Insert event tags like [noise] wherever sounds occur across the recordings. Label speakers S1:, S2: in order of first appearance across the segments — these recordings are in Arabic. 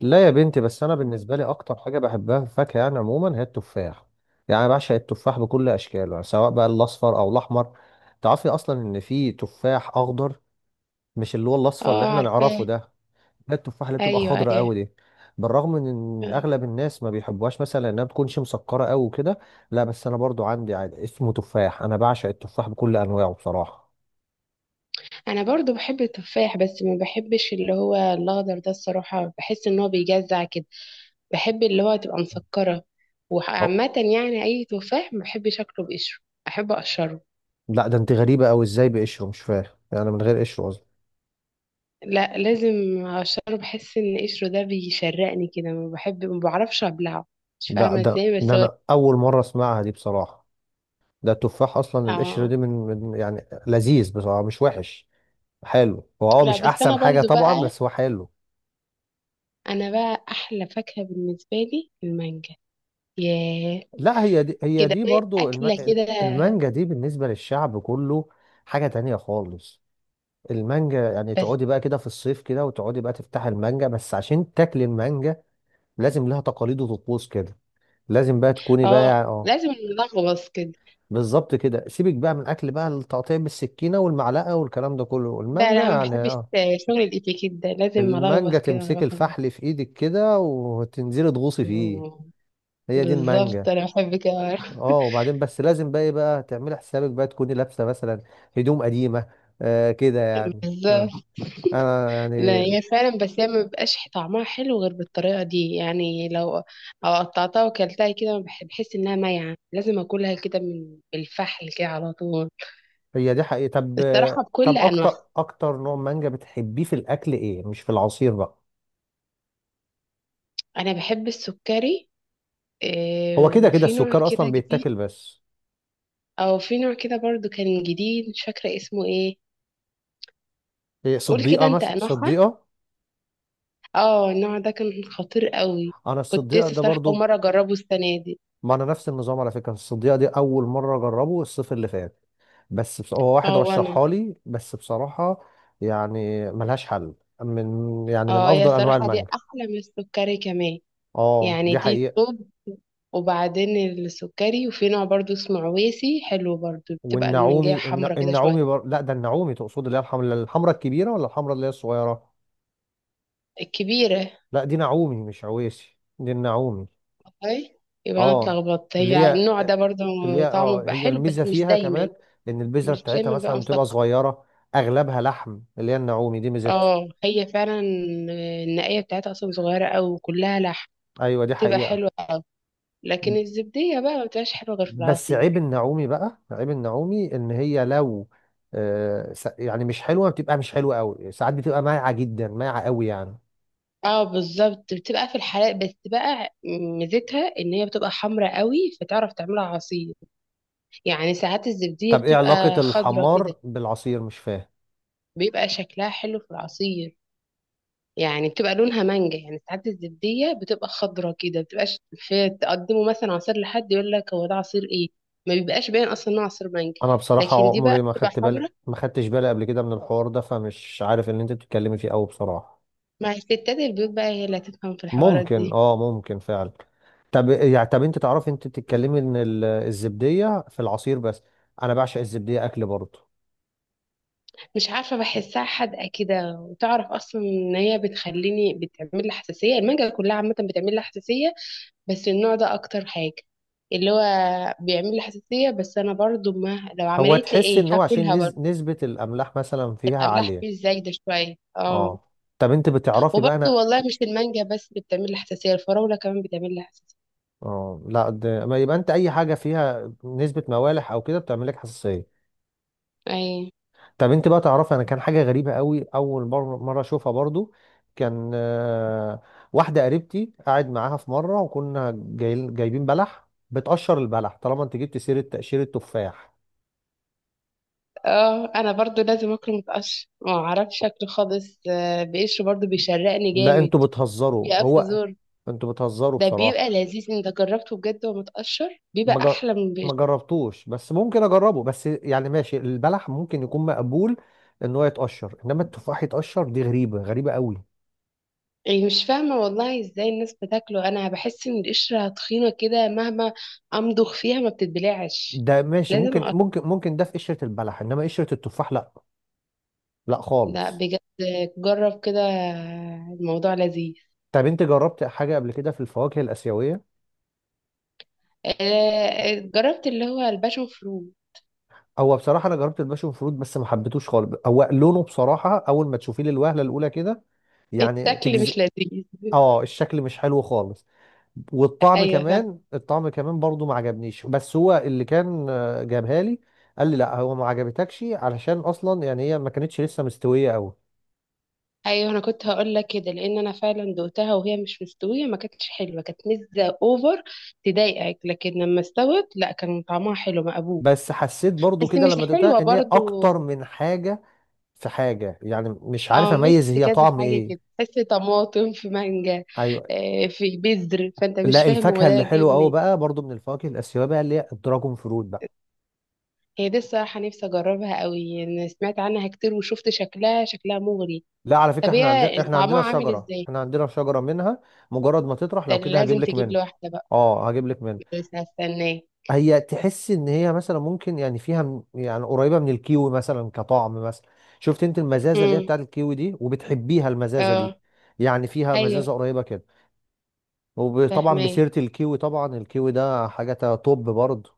S1: لا يا بنتي، بس انا بالنسبه لي اكتر حاجه بحبها في الفاكهه يعني عموما هي التفاح. يعني أنا بعشق التفاح بكل اشكاله، يعني سواء بقى الاصفر او الاحمر. تعرفي اصلا ان في تفاح اخضر؟ مش اللي هو الاصفر اللي
S2: اه،
S1: احنا
S2: عارفاه.
S1: نعرفه ده. ده التفاح اللي بتبقى
S2: ايوه،
S1: خضرا
S2: ايوه.
S1: قوي دي، بالرغم من ان
S2: آه.
S1: اغلب الناس ما بيحبوهاش، مثلا انها بتكونش مسكره قوي وكده. لا بس انا برضو عندي عادي اسمه تفاح، انا بعشق التفاح بكل انواعه بصراحه.
S2: انا برضو بحب التفاح بس ما بحبش اللي هو الاخضر ده الصراحه، بحس ان هو بيجزع كده. بحب اللي هو تبقى مسكره.
S1: أو
S2: وعامه يعني اي تفاح ما بحبش اكله بقشره، احب اقشره.
S1: لا، ده انت غريبه قوي، ازاي بقشره؟ مش فاهم، يعني من غير قشره قصدي.
S2: لا لازم اقشره، بحس ان قشره ده بيشرقني كده، ما بعرفش ابلعه. مش
S1: لا،
S2: فاهمه
S1: ده
S2: ازاي
S1: ده
S2: بس هو
S1: انا اول مره اسمعها دي بصراحه. ده التفاح اصلا القشر
S2: اه.
S1: دي من, من يعني لذيذ بصراحه، مش وحش. حلو هو، اه
S2: لا
S1: مش
S2: بس انا
S1: احسن حاجه
S2: برضو
S1: طبعا
S2: بقى،
S1: بس هو حلو.
S2: انا بقى احلى فاكهه بالنسبه لي المانجا. ياه
S1: لا هي دي هي
S2: كده،
S1: دي برضو
S2: اكله كده.
S1: المانجا دي بالنسبه للشعب كله حاجه تانية خالص. المانجا يعني
S2: بس
S1: تقعدي بقى كده في الصيف كده وتقعدي بقى تفتحي المانجا بس عشان تاكلي المانجا، لازم لها تقاليد وطقوس كده. لازم بقى تكوني
S2: اه
S1: بقى اه
S2: لازم، نلغوص كده.
S1: بالظبط كده. سيبك بقى من الاكل بقى، التقطيع بالسكينه والمعلقه والكلام ده كله،
S2: لا،
S1: المانجا
S2: لا، ما
S1: يعني
S2: بحبش
S1: اه،
S2: شغل الاتيكيت ده، لازم
S1: المانجا
S2: ألغوص كده وانا
S1: تمسك
S2: باكل.
S1: الفحل في ايدك كده وتنزلي تغوصي فيه.
S2: مم.
S1: هي دي
S2: بالظبط،
S1: المانجا.
S2: انا بحب كده.
S1: اه
S2: [laughs]
S1: وبعدين بس لازم بقى ايه بقى، تعملي حسابك بقى تكوني لابسه مثلا هدوم قديمه، آه كده يعني. آه،
S2: بالظبط.
S1: انا
S2: لا
S1: يعني
S2: هي فعلا، بس هي ما بيبقاش طعمها حلو غير بالطريقه دي، يعني لو قطعتها وكلتها كده بحس انها مايعه، لازم اكلها كده من الفحل كده على طول.
S1: هي دي حقيقه. طب،
S2: الصراحه
S1: طب
S2: بكل
S1: اكتر
S2: انواعها.
S1: اكتر نوع مانجا بتحبيه في الاكل ايه، مش في العصير بقى؟
S2: انا بحب السكري.
S1: هو
S2: إيه،
S1: كده كده
S2: وفي نوع
S1: السكر
S2: كده
S1: اصلا
S2: جديد،
S1: بيتاكل بس.
S2: او في نوع كده برضو كان جديد مش فاكره اسمه ايه.
S1: إيه،
S2: قول كده
S1: صديقه
S2: انت
S1: مثلا،
S2: انواعها.
S1: صديقه.
S2: اه النوع ده كان خطير قوي.
S1: انا
S2: كنت
S1: الصديقه
S2: لسه
S1: ده
S2: صراحة أول
S1: برضو،
S2: مرة أجربه السنة دي.
S1: ما انا نفس النظام على فكره، الصديقه دي اول مره اجربه الصيف اللي فات. بس هو واحد
S2: اه وأنا.
S1: رشحها لي بس بصراحه، يعني ملهاش حل، من يعني من
S2: اه هي
S1: افضل انواع
S2: صراحة دي
S1: المانجا.
S2: أحلى من السكري كمان.
S1: اه
S2: يعني
S1: دي
S2: دي،
S1: حقيقه.
S2: طب وبعدين، السكري وفي نوع برضو اسمه عويسي حلو برضو، بتبقى المانجاية
S1: والنعومي
S2: حمرا كده شوية.
S1: النعومي لا ده النعومي تقصد اللي هي الحمراء، الحمراء الكبيره ولا الحمراء اللي هي الصغيره؟
S2: الكبيرة.
S1: لا دي نعومي مش عويسي، دي النعومي.
S2: اي يبقى أنا
S1: اه،
S2: اتلخبطت،
S1: اللي
S2: هي
S1: هي
S2: النوع ده برضو.
S1: اللي هي
S2: طعمه
S1: اه
S2: بيبقى
S1: هي
S2: حلو بس
S1: الميزه
S2: مش
S1: فيها
S2: دايما،
S1: كمان ان البذره
S2: مش
S1: بتاعتها
S2: دايما بيبقى
S1: مثلا بتبقى
S2: مسكر.
S1: صغيره، اغلبها لحم، اللي هي النعومي دي ميزتها.
S2: اه هي فعلا، النقية بتاعتها أصلا صغيرة أوي وكلها لحم،
S1: ايوه دي
S2: تبقى
S1: حقيقة.
S2: حلوة. لكن الزبدية بقى ما بتبقاش حلوة غير في
S1: بس
S2: العصير.
S1: عيب النعومي بقى، عيب النعومي ان هي لو، يعني مش حلوة، بتبقى مش حلوة قوي، ساعات بتبقى مايعة جدا، مايعة قوي يعني.
S2: اه بالظبط، بتبقى في الحلال بس بقى ميزتها ان هي بتبقى حمرة قوي فتعرف تعملها عصير. يعني ساعات الزبدية
S1: طب ايه علاقة
S2: بتبقى خضرة كده،
S1: الحمار بالعصير؟ مش فاهم.
S2: بيبقى شكلها حلو في العصير. يعني بتبقى لونها مانجا، يعني ساعات الزبدية بتبقى خضرة كده، بتبقاش في تقدمه مثلا عصير لحد يقول لك هو ده عصير ايه. ما بيبقاش باين اصلا انه عصير مانجا.
S1: انا بصراحة
S2: لكن دي بقى
S1: عمري ما
S2: بتبقى
S1: خدت بالي،
S2: حمرا.
S1: ما خدتش بالي قبل كده من الحوار ده، فمش عارف اللي انت بتتكلمي فيه قوي بصراحة.
S2: مع الستات البيوت بقى، هي اللي هتفهم في الحوارات
S1: ممكن،
S2: دي.
S1: اه ممكن فعلا. طب يعني، طب انت تعرفي انت بتتكلمي ان الزبدية في العصير بس، انا بعشق الزبدية اكل برضه.
S2: مش عارفة، بحسها حادقة كده، وتعرف أصلا إن هي بتخليني، بتعمل لي حساسية. المانجا كلها عامة بتعمل لي حساسية، بس النوع ده أكتر حاجة، اللي هو بيعمل لي حساسية. بس أنا برضو، ما لو
S1: هو
S2: عملت لي
S1: تحس
S2: إيه
S1: ان هو عشان
S2: هاكلها برضو.
S1: نسبة الاملاح مثلا فيها
S2: أعملها
S1: عالية.
S2: حساسية إزاي ده شوية اه.
S1: اه. طب انت بتعرفي بقى
S2: وبرضو
S1: انا،
S2: والله مش المانجا بس اللي بتعمل لي حساسية، الفراولة كمان بتعمل لي حساسية.
S1: اه لا ما يبقى انت اي حاجة فيها نسبة موالح او كده بتعمل لك حساسية.
S2: أي.
S1: طب انت بقى تعرفي انا، كان حاجة غريبة قوي اول مرة اشوفها برضو، كان آه، واحدة قريبتي قاعد معاها في مرة وكنا جايبين بلح بتقشر البلح، طالما انت جبت سيرة تقشير التفاح.
S2: اه أنا برضو لازم أكله متقشر، ما أعرفش شكله خالص، بقشره برضو بيشرقني
S1: لا
S2: جامد،
S1: انتوا بتهزروا،
S2: بيقف
S1: هو
S2: زور.
S1: انتوا بتهزروا
S2: ده بيبقى
S1: بصراحة.
S2: لذيذ، انت جربته بجد؟ ومتقشر بيبقى
S1: ما جر-
S2: احلى من القشر.
S1: ما جربتوش بس ممكن اجربه، بس يعني ماشي البلح ممكن يكون مقبول ان هو يتقشر، انما التفاح يتقشر دي غريبه قوي.
S2: يعني مش فاهمة والله ازاي الناس بتاكله، انا بحس ان القشرة تخينة كده، مهما امضغ فيها ما بتتبلعش،
S1: ده ماشي
S2: لازم
S1: ممكن،
S2: أقشر.
S1: ممكن ممكن ده في قشره البلح، انما قشره التفاح لا، لا
S2: لا
S1: خالص.
S2: بجد، جرب كده، الموضوع لذيذ.
S1: طب انت جربت حاجه قبل كده في الفواكه الاسيويه؟
S2: آه، جربت اللي هو الباشون فرو.
S1: هو بصراحه انا جربت الباشون فروت بس ما حبيتوش خالص، هو لونه بصراحه اول ما تشوفيه للوهله الاولى كده يعني
S2: الشكل
S1: تجز،
S2: مش لذيذ.
S1: اه الشكل مش حلو خالص. والطعم
S2: ايوه فاهم.
S1: كمان، الطعم كمان برضو ما عجبنيش، بس هو اللي كان جابها لي قال لي لا هو ما عجبتكش علشان اصلا يعني هي ما كانتش لسه مستويه قوي.
S2: ايوه انا كنت هقول لك كده، لان انا فعلا دوقتها وهي مش مستويه، ما كانتش حلوه، كانت مزه اوفر تضايقك. لكن لما استوت لا، كان طعمها حلو مقبول.
S1: بس حسيت برضو
S2: بس
S1: كده لما
S2: مش حلوة
S1: دقتها ان هي اكتر
S2: برضو.
S1: من حاجه، في حاجه يعني مش عارف
S2: اه، ميكس
S1: اميز هي
S2: كذا
S1: طعم
S2: حاجة
S1: ايه.
S2: كده، تحس طماطم في مانجا.
S1: ايوه.
S2: آه، في بذر، فانت مش
S1: لا
S2: فاهم هو
S1: الفاكهه
S2: ده
S1: اللي
S2: جاي
S1: حلوه قوي
S2: منين.
S1: بقى برضو من الفواكه الاسيويه بقى، اللي هي الدراجون فروت بقى.
S2: هي دي الصراحة نفسي اجربها قوي، انا سمعت عنها كتير وشفت شكلها، شكلها مغري.
S1: لا على
S2: طب
S1: فكره احنا عندنا،
S2: هي
S1: احنا
S2: طعمها
S1: عندنا
S2: عامل
S1: شجره
S2: ازاي؟
S1: احنا عندنا شجره منها. مجرد ما تطرح
S2: ده
S1: لو
S2: اللي
S1: كده هجيب
S2: لازم
S1: لك
S2: تجيب لي
S1: منها،
S2: واحدة بقى،
S1: اه هجيب لك منها.
S2: بس هستناه.
S1: هي تحس ان هي مثلا ممكن يعني فيها يعني قريبه من الكيوي مثلا كطعم مثلا. شفت انت المزازه اللي هي
S2: امم.
S1: بتاعت الكيوي دي وبتحبيها المزازه دي،
S2: اه.
S1: يعني فيها
S2: ايوه
S1: مزازه قريبه كده. وطبعا
S2: فاهمة،
S1: بسيره الكيوي، طبعا الكيوي ده حاجه توب برضه.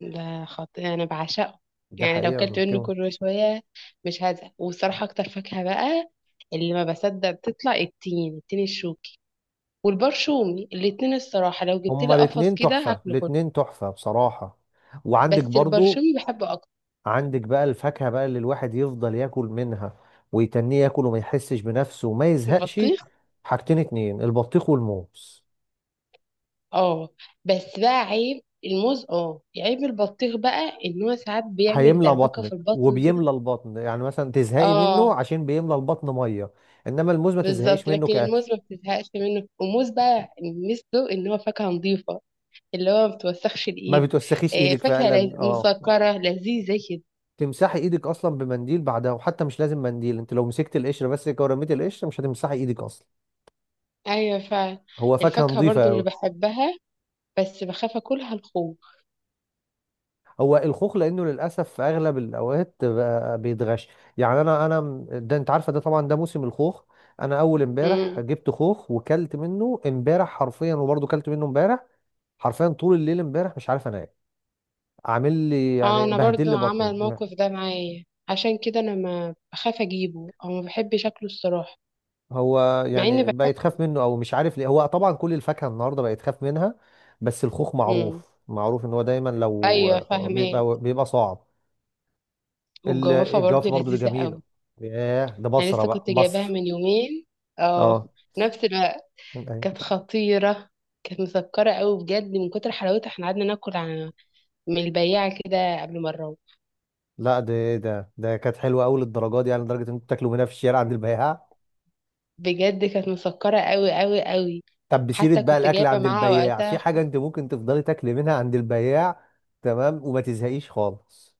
S2: ده خطير، انا بعشقه.
S1: دي
S2: يعني لو
S1: حقيقه
S2: كلت منه
S1: الكيوي.
S2: كل شويه مش هزهق. والصراحه اكتر فاكهه بقى اللي ما بصدق بتطلع، التين، التين الشوكي والبرشومي الاتنين. الصراحه لو جبت
S1: هما
S2: لي قفص
S1: الاتنين
S2: كده
S1: تحفه،
S2: هاكله كله،
S1: الاتنين تحفه بصراحه. وعندك
S2: بس
S1: برضه،
S2: البرشومي بحبه اكتر.
S1: عندك بقى الفاكهه بقى اللي الواحد يفضل ياكل منها ويتنيه ياكل وما يحسش بنفسه وما يزهقش.
S2: البطيخ.
S1: حاجتين اتنين، البطيخ والموز.
S2: اه. بس بقى عيب الموز، اه عيب البطيخ بقى، ان هو ساعات بيعمل
S1: هيملى
S2: دربكه في
S1: بطنك،
S2: البطن كده.
S1: وبيملى البطن، يعني مثلا تزهقي منه
S2: اه
S1: عشان بيملى البطن ميه. انما الموز ما تزهقيش
S2: بالظبط،
S1: منه
S2: لكن
S1: كاكل.
S2: الموز ما بتزهقش منه، والموز بقى ميزته ان هو فاكهه نظيفه، اللي هو ما بتوسخش
S1: ما
S2: الايد.
S1: بتوسخيش
S2: آه،
S1: ايدك
S2: فاكهة
S1: فعلا، اه.
S2: مسكرة لذيذة كده.
S1: تمسحي ايدك اصلا بمنديل بعدها، وحتى مش لازم منديل، انت لو مسكت القشره بس كده ورميتي القشره مش هتمسحي ايدك اصلا.
S2: ايوه فعلا.
S1: هو فاكهه
S2: الفاكهة
S1: نظيفه
S2: برضو اللي
S1: قوي.
S2: بحبها بس بخاف اكلها الخوخ.
S1: هو الخوخ، لانه للاسف في اغلب الاوقات بقى بيتغش. يعني ده انت عارفه ده طبعا ده موسم الخوخ. انا اول امبارح
S2: امم.
S1: جبت خوخ وكلت منه امبارح حرفيا، وبرضه كلت منه امبارح حرفيا، طول الليل امبارح مش عارف انام، عامل لي
S2: اه
S1: يعني
S2: انا
S1: بهدل لي
S2: برضو عمل
S1: بطني
S2: الموقف ده معايا، عشان كده انا ما بخاف اجيبه، او ما بحبش اكله الصراحة،
S1: هو
S2: مع اني
S1: يعني
S2: بحب.
S1: بقيت خاف منه او مش عارف ليه، هو طبعا كل الفاكهه النهارده بقيت خاف منها. بس الخوخ
S2: امم.
S1: معروف، معروف ان هو دايما لو
S2: ايوه فاهمة.
S1: بيبقى صعب.
S2: والجوافة برضو
S1: الجوافه برضو اللي
S2: لذيذة
S1: جميله،
S2: قوي.
S1: ياه ده
S2: انا
S1: بصره
S2: لسه
S1: بقى
S2: كنت جايباها
S1: بصر.
S2: من يومين.
S1: اه،
S2: اه، نفس الوقت.
S1: أيوة.
S2: كانت خطيرة، كانت مسكرة قوي بجد. من كتر حلاوتها احنا قعدنا ناكل من البياعة كده قبل ما نروح.
S1: لا ده كانت حلوه قوي للدرجه دي، يعني لدرجه ان انتوا بتاكلوا منها في الشارع عند البياع.
S2: بجد كانت مسكرة قوي قوي قوي.
S1: طب بسيرة
S2: حتى
S1: بقى
S2: كنت
S1: الأكل
S2: جايبة
S1: عند
S2: معاها
S1: البياع، في
S2: وقتها
S1: حاجة أنت ممكن تفضلي تاكلي منها عند البياع تمام وما تزهقيش خالص.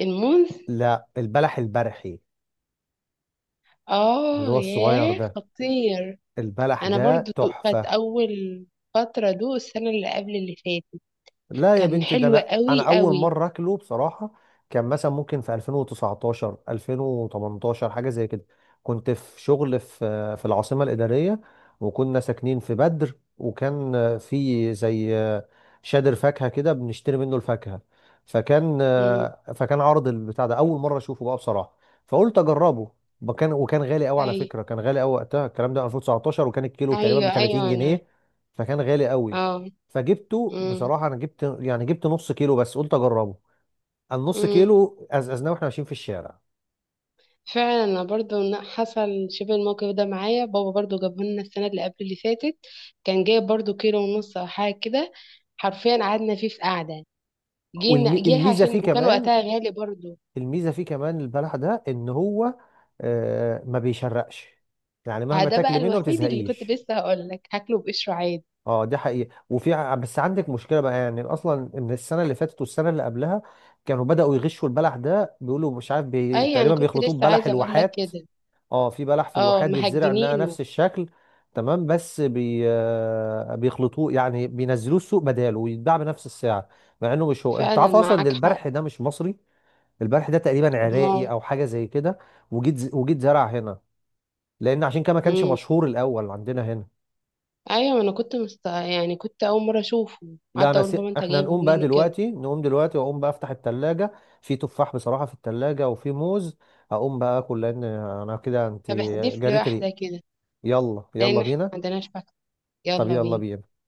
S2: الموز.
S1: لا البلح البرحي، اللي
S2: اه
S1: هو الصغير
S2: ياه،
S1: ده،
S2: خطير.
S1: البلح
S2: انا
S1: ده
S2: برضو كانت
S1: تحفة.
S2: اول فترة دو السنة اللي قبل اللي فاتت.
S1: لا يا
S2: كان
S1: بنتي، ده
S2: حلو
S1: انا
S2: قوي
S1: اول
S2: قوي.
S1: مره اكله بصراحه. كان مثلا ممكن في 2019 2018 حاجه زي كده، كنت في شغل في العاصمه الاداريه، وكنا ساكنين في بدر، وكان في زي شادر فاكهه كده بنشتري منه الفاكهه. فكان،
S2: امم.
S1: فكان عرض البتاع ده اول مره اشوفه بقى بصراحه، فقلت اجربه. وكان غالي قوي على
S2: ايوه،
S1: فكره، كان غالي قوي وقتها الكلام ده 2019، وكان الكيلو تقريبا ب
S2: ايوه،
S1: 30
S2: ايوه، انا
S1: جنيه فكان غالي قوي.
S2: اه.
S1: فجبته بصراحه، انا جبت يعني جبت نص كيلو بس قلت اجربه. النص
S2: امم.
S1: كيلو أزأزناه واحنا ماشيين في الشارع.
S2: فعلا انا برضو حصل شبه الموقف ده معايا. بابا برضو جابه لنا السنه اللي قبل اللي فاتت، كان جايب برضو كيلو ونص او حاجه كده. حرفيا قعدنا فيه في قعده، جينا جه
S1: والميزه
S2: عشان
S1: فيه
S2: وكان
S1: كمان،
S2: وقتها غالي برضو.
S1: الميزه فيه كمان البلح ده ان هو آه ما بيشرقش، يعني
S2: ها،
S1: مهما
S2: ده بقى
S1: تاكل منه ما
S2: الوحيد اللي كنت
S1: بتزهقيش.
S2: لسه هقول لك هاكله بقشره عادي.
S1: اه دي حقيقه. وفي بس عندك مشكله بقى يعني اصلا، ان السنه اللي فاتت والسنه اللي قبلها كانوا بداوا يغشوا البلح ده، بيقولوا مش عارف
S2: اي انا
S1: تقريبا
S2: كنت
S1: بيخلطوه
S2: لسه
S1: ببلح
S2: عايزه اقول لك
S1: الواحات.
S2: كده.
S1: اه في بلح في
S2: اه
S1: الواحات بيتزرع منها
S2: مهجنينه،
S1: نفس الشكل. تمام بس آه، بيخلطوه، يعني بينزلوه السوق بداله ويتباع بنفس السعر، مع انه مش هو. انت
S2: فعلا
S1: عارف اصلا ان
S2: معاك حق.
S1: البرح ده مش مصري، البرح ده تقريبا عراقي
S2: الله.
S1: او حاجه زي كده، وجيت زرع هنا، لان عشان كده ما كانش
S2: امم.
S1: مشهور الاول عندنا هنا.
S2: ايوه انا كنت يعني كنت اول مره اشوفه،
S1: لا
S2: قعدت
S1: انا
S2: اقول بابا انت
S1: احنا
S2: جايبه
S1: نقوم بقى
S2: منين كده.
S1: دلوقتي، نقوم دلوقتي واقوم بقى افتح التلاجة، في تفاح بصراحه في التلاجة وفي موز. هقوم بقى اكل لان انا كده انت
S2: طب احذف لي
S1: جريت ريق.
S2: واحده كده،
S1: يلا
S2: لان
S1: يلا
S2: احنا ما
S1: بينا.
S2: عندناش.
S1: طب
S2: يلا
S1: يلا
S2: بينا.
S1: بينا.